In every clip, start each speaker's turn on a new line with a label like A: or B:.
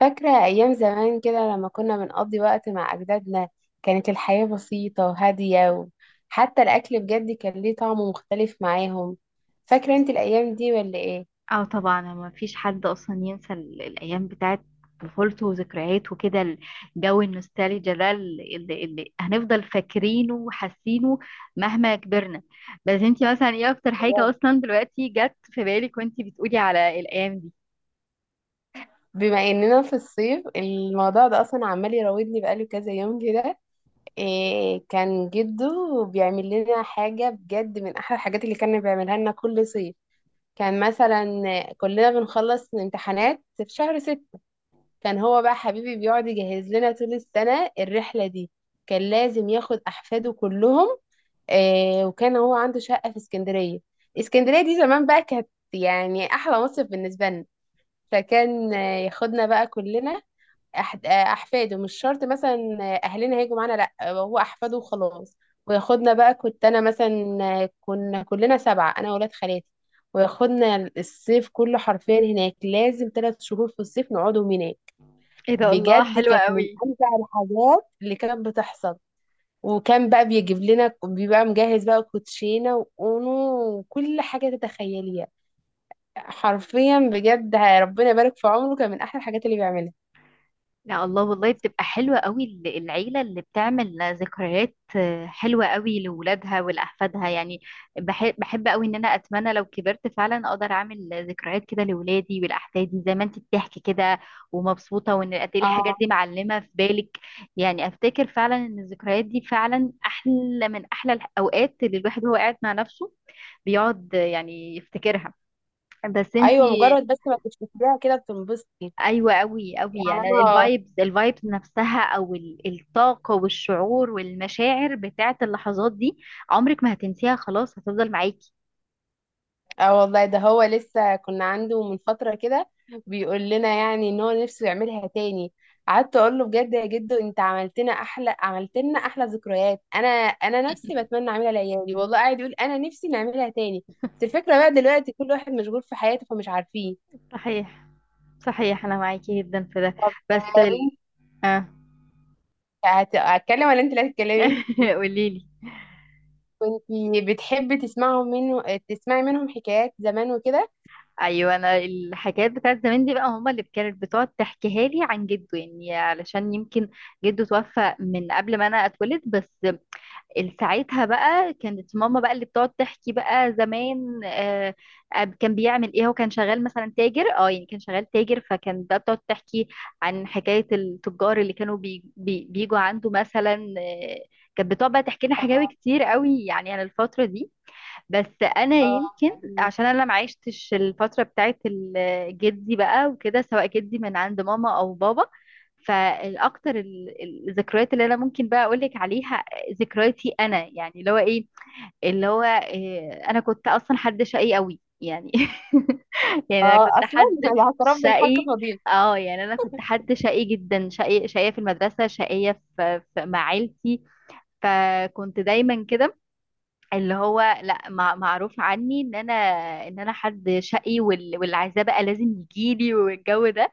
A: فاكرة أيام زمان كده لما كنا بنقضي وقت مع أجدادنا. كانت الحياة بسيطة وهادية، وحتى الأكل بجد كان ليه طعم مختلف معاهم. فاكرة أنت الأيام دي ولا إيه؟
B: اه طبعا، ما فيش حد اصلا ينسى الايام بتاعت طفولته وذكرياته وكده. الجو النوستالجيا ده اللي هنفضل فاكرينه وحاسينه مهما كبرنا. بس انتي مثلا ايه اكتر حاجة
A: بجد
B: اصلا دلوقتي جت في بالك وانتي بتقولي على الايام دي؟
A: بما إننا في الصيف الموضوع ده أصلا عمال يراودني بقاله كذا يوم كده. إيه كان جده بيعمل لنا حاجة بجد من أحلى الحاجات اللي كان بيعملها لنا كل صيف. كان مثلا كلنا بنخلص امتحانات في شهر ستة. كان هو بقى حبيبي بيقعد يجهز لنا طول السنة الرحلة دي. كان لازم ياخد أحفاده كلهم. آه، وكان هو عنده شقة في اسكندرية. اسكندرية دي زمان بقى كانت يعني أحلى مصيف بالنسبة لنا. فكان ياخدنا بقى كلنا. أحفاده مش شرط، مثلا أهلنا هيجوا معانا، لأ هو أحفاده وخلاص. وياخدنا بقى. كنت أنا مثلا، كنا كلنا سبعة، أنا وولاد خالاتي. وياخدنا الصيف كله حرفيا هناك، لازم ثلاث شهور في الصيف نقعدهم هناك.
B: ايه ده، الله،
A: بجد
B: حلوة
A: كانت من
B: قوي.
A: امتع الحاجات اللي كانت بتحصل. وكان بقى بيجيب لنا، بيبقى مجهز بقى كوتشينه واونو وكل حاجه تتخيليها. حرفيا بجد ربنا يبارك في عمره، كان من احلى الحاجات اللي بيعملها.
B: لا، الله، والله بتبقى حلوة قوي، العيلة اللي بتعمل ذكريات حلوة قوي لولادها ولأحفادها يعني. بحب قوي ان انا اتمنى لو كبرت فعلا اقدر اعمل ذكريات كده لولادي ولأحفادي زي ما انت بتحكي كده. ومبسوطة، وان قد ايه
A: اه.
B: الحاجات دي معلمة في بالك. يعني افتكر فعلا ان الذكريات دي فعلا احلى من احلى الاوقات اللي الواحد هو قاعد مع نفسه بيقعد يعني يفتكرها. بس انت.
A: ايوه مجرد بس ما تفتكريها كده بتنبسطي.
B: ايوه، قوي قوي،
A: يعني انا.
B: يعني الفايبز نفسها او الطاقه والشعور والمشاعر بتاعه اللحظات دي. عمرك ما هتنسيها، خلاص هتفضل معاكي.
A: اه والله ده هو لسه كنا عنده من فترة كده، بيقول لنا يعني ان هو نفسه يعملها تاني. قعدت اقول له بجد يا جدو انت عملت لنا احلى، عملت لنا احلى ذكريات، انا نفسي بتمنى اعملها لعيالي، والله قاعد يقول انا نفسي نعملها تاني. بس الفكرة بقى دلوقتي كل واحد مشغول في حياته فمش عارفين.
B: صحيح، صحيح انا معاكي جدا في ده.
A: طب
B: بس
A: وانت
B: اه.
A: هتكلم ولا انت اللي هتتكلمي؟
B: قولي لي.
A: كنت بتحبي تسمعوا منه، تسمعي منهم حكايات زمان وكده.
B: ايوه، انا الحكايات بتاعت زمان دي بقى هما اللي كانت بتقعد تحكيها لي عن جده، يعني علشان يمكن جده توفى من قبل ما انا اتولد. بس ساعتها بقى كانت ماما بقى اللي بتقعد تحكي بقى زمان. كان بيعمل ايه، هو كان شغال مثلا تاجر، يعني كان شغال تاجر، فكان بقى بتقعد تحكي عن حكاية التجار اللي كانوا بي بي بيجوا عنده مثلا. كانت بتقعد بقى تحكي لنا حكاوي
A: اه.
B: كتير قوي يعني عن الفترة دي. بس انا
A: اه.
B: يمكن عشان انا ما عشتش الفتره بتاعت جدي بقى وكده، سواء جدي من عند ماما او بابا. فالاكتر الذكريات اللي انا ممكن بقى اقول لك عليها، ذكرياتي انا يعني، اللي هو انا كنت اصلا حد شقي قوي يعني. يعني انا
A: اه
B: كنت
A: اصلا،
B: حد
A: الاعتراف بالحق
B: شقي.
A: فضيلة.
B: اه، يعني انا كنت حد شقي جدا، شقي، شقيه في المدرسه، شقيه مع عيلتي. فكنت دايما كده، اللي هو لا، معروف عني ان انا حد شقي، واللي عايزاه بقى لازم يجيلي، والجو ده.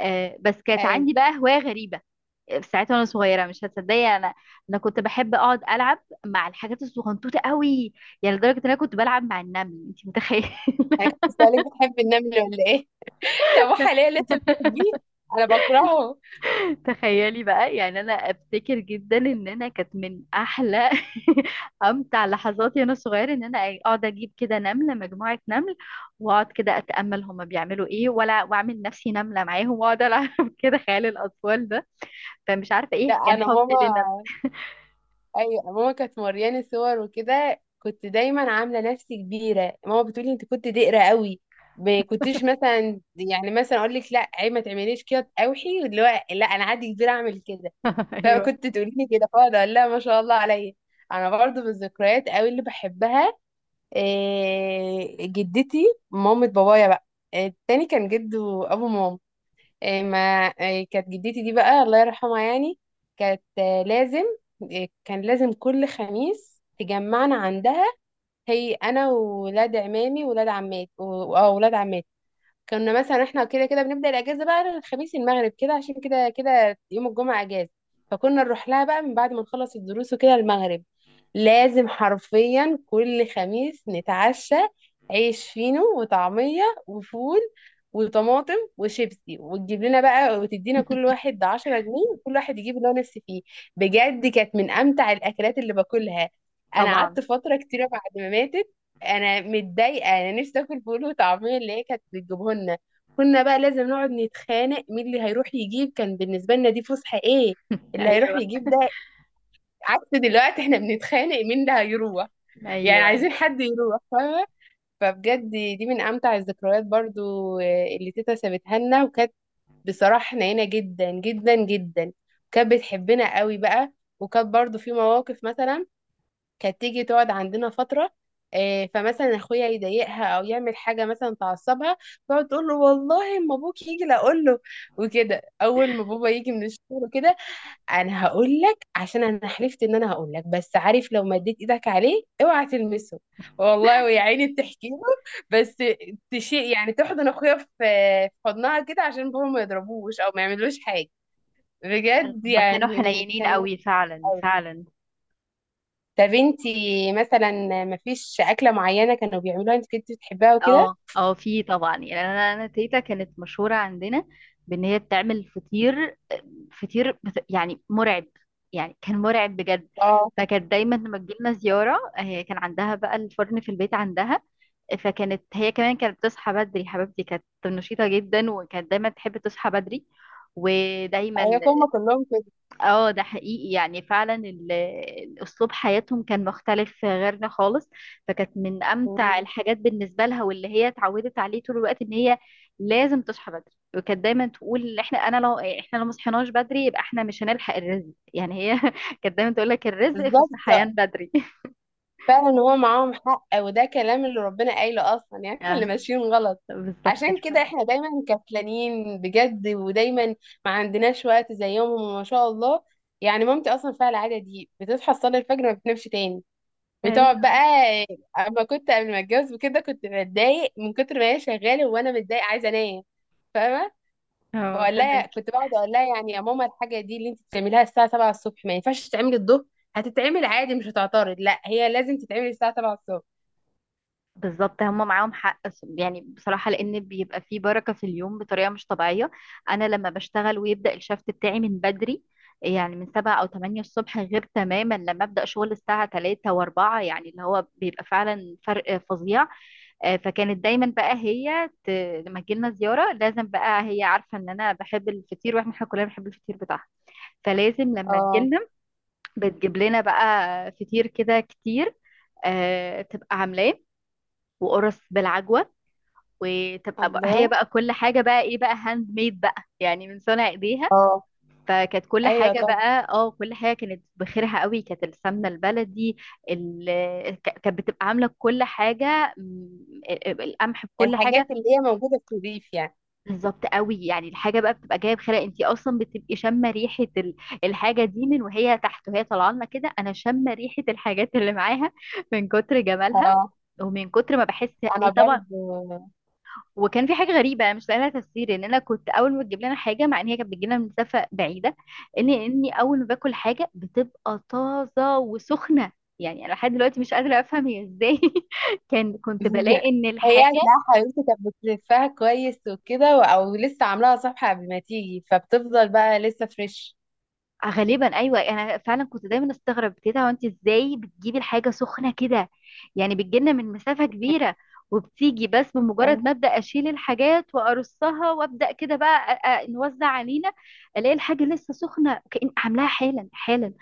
B: بس كانت عندي بقى هواية غريبة. في ساعتها وانا صغيرة، مش هتصدقي، انا كنت بحب اقعد العب مع الحاجات الصغنطوطة قوي، يعني لدرجة ان انا كنت بلعب مع النمل، انت متخيلة؟
A: انا كنت بسألك بتحبي النمل ولا ايه؟ طب وحاليا لسه بتحبيه؟ انا بكرهه.
B: تخيلي بقى، يعني انا افتكر جدا ان انا كانت من احلى امتع لحظاتي وانا صغيره، ان انا اقعد اجيب كده نمله، مجموعه نمل، واقعد كده اتامل هما بيعملوا ايه، ولا واعمل نفسي نمله معاهم واقعد العب كده، خيال الاطفال ده، فمش عارفه ايه
A: لا
B: كان
A: انا
B: حبي للنمل.
A: ماما، ايوه ماما كانت مورياني صور وكده، كنت دايما عامله نفسي كبيره، ماما بتقولي انت كنت دقره قوي. ما كنتش مثلا يعني مثلا اقول لك لا عيب ما تعمليش كده اوحي، واللي هو لا انا عادي كبيره اعمل كده.
B: ايوه
A: فكنت تقولي لي كده فاقعد اقول لها ما شاء الله عليا. انا برضو من الذكريات قوي اللي بحبها، إيه، جدتي، مامة بابايا بقى. التاني كان جده، ابو ماما. إيه ما، إيه كانت جدتي دي بقى الله يرحمها يعني. كانت لازم، إيه كان لازم كل خميس تجمعنا عندها، هي انا وولاد عمامي وولاد عماتي واولاد عماتي. كنا مثلا احنا كده كده بنبدأ الأجازة بقى الخميس المغرب كده عشان كده كده يوم الجمعة أجازة. فكنا نروح لها بقى من بعد ما نخلص الدروس وكده المغرب. لازم حرفيا كل خميس نتعشى عيش فينو وطعمية وفول وطماطم وشيبسي، وتجيب لنا بقى وتدينا كل واحد 10 جنيه، وكل واحد يجيب اللي هو نفسه فيه. بجد كانت من أمتع الأكلات اللي باكلها. أنا
B: طبعا.
A: قعدت فترة كتيرة بعد ما ماتت انا متضايقه، انا نفسي اكل فول وطعميه اللي هي كانت بتجيبه لنا. كنا بقى لازم نقعد نتخانق مين اللي هيروح يجيب، كان بالنسبه لنا دي فسحه ايه، اللي هيروح
B: ايوه،
A: يجيب ده. عكس دلوقتي احنا بنتخانق مين اللي هيروح، يعني
B: ايوه. ايوه،
A: عايزين حد يروح، فاهمه. فبجد دي من امتع الذكريات برضو. اللي تيتا سابتها لنا. وكانت بصراحه حنينه جدا جدا جدا، كانت بتحبنا قوي بقى. وكانت برضو في مواقف مثلا، كانت تيجي تقعد عندنا فترة، فمثلا اخويا يضايقها او يعمل حاجه مثلا تعصبها، تقعد تقول له والله اما ابوك يجي لا اقول له. وكده اول ما بابا يجي من الشغل وكده، انا هقول لك عشان انا حلفت ان انا هقول لك، بس عارف لو مديت ايدك عليه اوعى تلمسه والله، ويا عيني بتحكي له. بس تشيء يعني تحضن اخويا في في حضنها كده عشان بابا ما يضربوش او ما يعملوش حاجه. بجد
B: هما كانوا
A: يعني
B: حنينين
A: كان
B: قوي، فعلا،
A: وحش.
B: فعلا.
A: طب انتي مثلا مفيش أكلة معينة كانوا بيعملوها انت كنت بتحبها وكده؟
B: اه، اه، في طبعا، يعني انا تيتا كانت مشهوره عندنا بان هي بتعمل فطير، فطير يعني مرعب، يعني كان مرعب بجد.
A: اه
B: فكانت دايما لما تجيلنا زياره، هي كان عندها بقى الفرن في البيت عندها، فكانت هي كمان كانت بتصحى بدري، حبيبتي كانت نشيطه جدا، وكانت دايما تحب تصحى بدري ودايما.
A: ايوه هما كلهم كده.
B: اه ده حقيقي، يعني فعلا الاسلوب حياتهم كان مختلف غيرنا خالص. فكانت من امتع
A: مم.
B: الحاجات بالنسبه لها واللي هي اتعودت عليه طول الوقت، ان هي لازم تصحى بدري، وكانت دايما تقول، انا لو احنا لو ما صحيناش بدري يبقى احنا مش هنلحق الرزق، يعني هي كانت دايما تقول لك الرزق في
A: بالظبط
B: الصحيان بدري.
A: فعلا هو معاهم حق، وده كلام اللي ربنا قايله اصلا، يعني احنا اللي
B: اه
A: ماشيين غلط.
B: بالظبط
A: عشان
B: ف-
A: كده احنا دايما كسلانين بجد، ودايما ما عندناش وقت زيهم وما شاء الله. يعني مامتي اصلا فيها العاده دي، بتصحى تصلي الفجر ما بتنامش تاني، بتقعد
B: ايوه.
A: بقى. اما كنت قبل ما اتجوز وكده كنت بتضايق من كتر ما هي شغاله وانا متضايقه عايزه انام، فاهمه.
B: اه،
A: بقول لها،
B: فاهمك.
A: كنت بقعد اقول لها يعني يا ماما الحاجه دي اللي انت بتعمليها الساعه 7 الصبح ما ينفعش تتعمل الظهر، هتتعمل عادي مش هتعترض؟ لا هي لازم تتعمل الساعه 7 الصبح.
B: بالظبط، هم معاهم حق، يعني بصراحة، لأن بيبقى فيه بركة في اليوم بطريقة مش طبيعية. أنا لما بشتغل ويبدأ الشفت بتاعي من بدري، يعني من 7 أو 8 الصبح، غير تماما لما أبدأ شغل الساعة 3 و4، يعني اللي هو بيبقى فعلا فرق فظيع. فكانت دايما بقى هي. لما تجيلنا زيارة لازم بقى هي عارفة إن أنا بحب الفطير، وإحنا كلنا بنحب الفطير بتاعها، فلازم لما
A: اه
B: تجيلنا بتجيب لنا بقى فطير كده كتير. بتبقى عاملاه، وقرص بالعجوة، وتبقى بقى هي
A: الله.
B: بقى كل حاجة بقى ايه بقى هاند ميد بقى، يعني من صنع ايديها.
A: اه
B: فكانت كل
A: ايوه
B: حاجة
A: طبعا،
B: بقى، كل حاجة كانت بخيرها قوي، كانت السمنة البلدي، كانت بتبقى عاملة كل حاجة، القمح بكل
A: الحاجات
B: حاجة.
A: اللي هي موجوده في الريف يعني.
B: بالظبط قوي، يعني الحاجة بقى بتبقى جاية بخيرها، انت اصلا بتبقي شامة ريحة الحاجة دي من وهي تحت، وهي طالعة لنا كده انا شامة ريحة الحاجات اللي معاها من كتر جمالها،
A: اه
B: ومن كتر ما بحس.
A: انا
B: اي طبعا.
A: برضو.
B: وكان في حاجه غريبه انا مش لاقي لها تفسير، ان انا كنت اول ما بتجيب لنا حاجه، مع ان هي كانت بتجي لنا من مسافه بعيده، ان اني اول ما باكل حاجه بتبقى طازه وسخنه. يعني انا لحد دلوقتي مش قادره افهم هي ازاي. كنت بلاقي ان
A: هي
B: الحاجه
A: هتلاقي، حبيبتي كانت بتلفها كويس وكده، و- او لسه عاملاها صفحه قبل ما تيجي فبتفضل بقى لسه فريش.
B: غالبا، ايوه، انا فعلا كنت دايما استغرب، تيتا وانت ازاي بتجيبي الحاجه سخنه كده، يعني بتجيلنا من مسافه كبيره وبتيجي، بس بمجرد ما ابدا اشيل الحاجات وارصها، وابدا كده بقى نوزع علينا، الاقي الحاجه لسه سخنه، كأن عاملاها حالا حالا.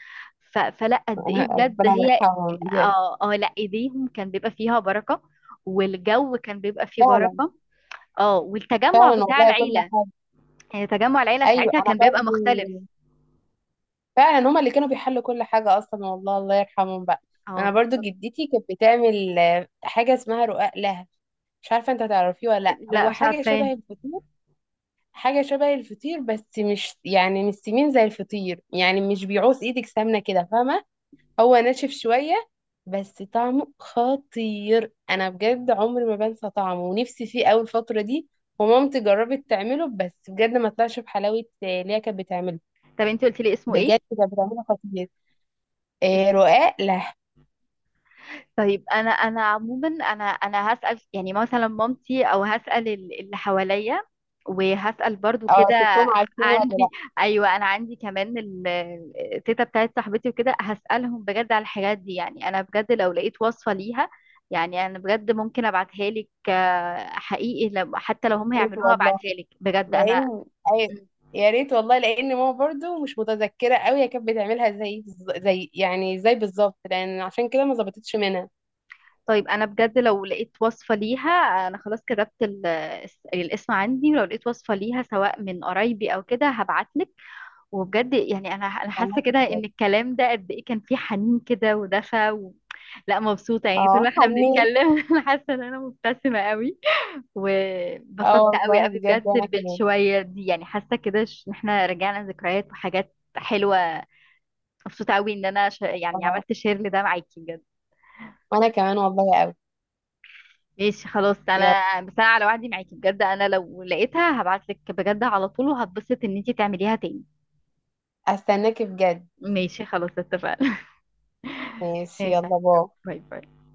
B: فلا قد ايه بجد
A: ربنا
B: هي.
A: يرحمهم بجد.
B: اه اه، لا، ايديهم كان بيبقى فيها بركه، والجو كان بيبقى فيه
A: فعلا.
B: بركه. اه، والتجمع
A: فعلا
B: بتاع
A: والله كل
B: العيله،
A: حاجه.
B: يعني تجمع العيله
A: ايوه
B: ساعتها
A: انا
B: كان بيبقى مختلف.
A: برضو فعلا هما اللي كانوا بيحلوا كل حاجة أصلا، والله الله يرحمهم بقى.
B: اه
A: أنا برضو
B: بالظبط.
A: جدتي كانت بتعمل حاجة اسمها رقاق لها، مش عارفة انت تعرفيه ولا لأ.
B: لا،
A: هو
B: مش
A: حاجة
B: عارفه إيه.
A: شبه الفطير، حاجة شبه الفطير بس مش يعني مش سمين زي الفطير، يعني مش بيعوز ايدك سمنة كده، فاهمة؟ هو ناشف شوية بس طعمه خطير. أنا بجد عمري ما بنسى طعمه ونفسي فيه أوي الفترة دي. ومامتي جربت تعمله بس بجد ما طلعش بحلاوة اللي هي كانت بتعمله.
B: طب انت قلتي لي اسمه ايه؟
A: بجد كانت بتعمله خطير. إيه،
B: اسمه؟
A: رقاق لا.
B: طيب انا عموما، انا هسأل، يعني مثلا مامتي، او هسأل اللي حواليا، وهسأل برضو
A: اه
B: كده.
A: شفتهم عارفين ولا
B: عندي.
A: لا.
B: ايوه، انا عندي كمان التيتا بتاعت صاحبتي وكده، هسألهم بجد على الحاجات دي، يعني انا بجد لو لقيت وصفة ليها، يعني انا بجد ممكن ابعتها لك، حقيقي حتى لو هم
A: يا ريت
B: هيعملوها
A: والله
B: ابعتها لك، بجد انا.
A: لان، أي... يا ريت والله لان ماما برضو مش متذكره قوي هي كانت بتعملها زي زي، يعني زي بالظبط، لان عشان كده ما ظبطتش منها.
B: طيب انا بجد لو لقيت وصفة ليها، انا خلاص كتبت الاسم عندي، ولو لقيت وصفة ليها سواء من قرايبي او كده، هبعتلك. وبجد يعني انا
A: انا
B: حاسة
A: كنت
B: كده
A: بجد.
B: ان الكلام ده قد ايه كان فيه حنين كده ودفى. لا، مبسوطة، يعني طول
A: اه
B: ما احنا
A: حنيت.
B: بنتكلم انا حاسة ان انا مبتسمة قوي،
A: اه
B: وبسطت قوي
A: والله
B: قوي
A: بجد وانا
B: بجد
A: كمان.
B: بالشوية دي، يعني حاسة كده ان احنا رجعنا ذكريات وحاجات حلوة. مبسوطة قوي ان انا يعني
A: اه
B: عملت شير لده معاكي بجد.
A: وانا كمان والله قوي.
B: ماشي خلاص،
A: يلا
B: انا بس انا على وعدي معاكي، بجد انا لو لقيتها هبعتلك بجد على طول، وهتبسط ان انتي تعمليها تاني.
A: استناكي بجد.
B: ماشي خلاص اتفقنا.
A: ماشي
B: ماشي.
A: يلا باي.
B: باي باي.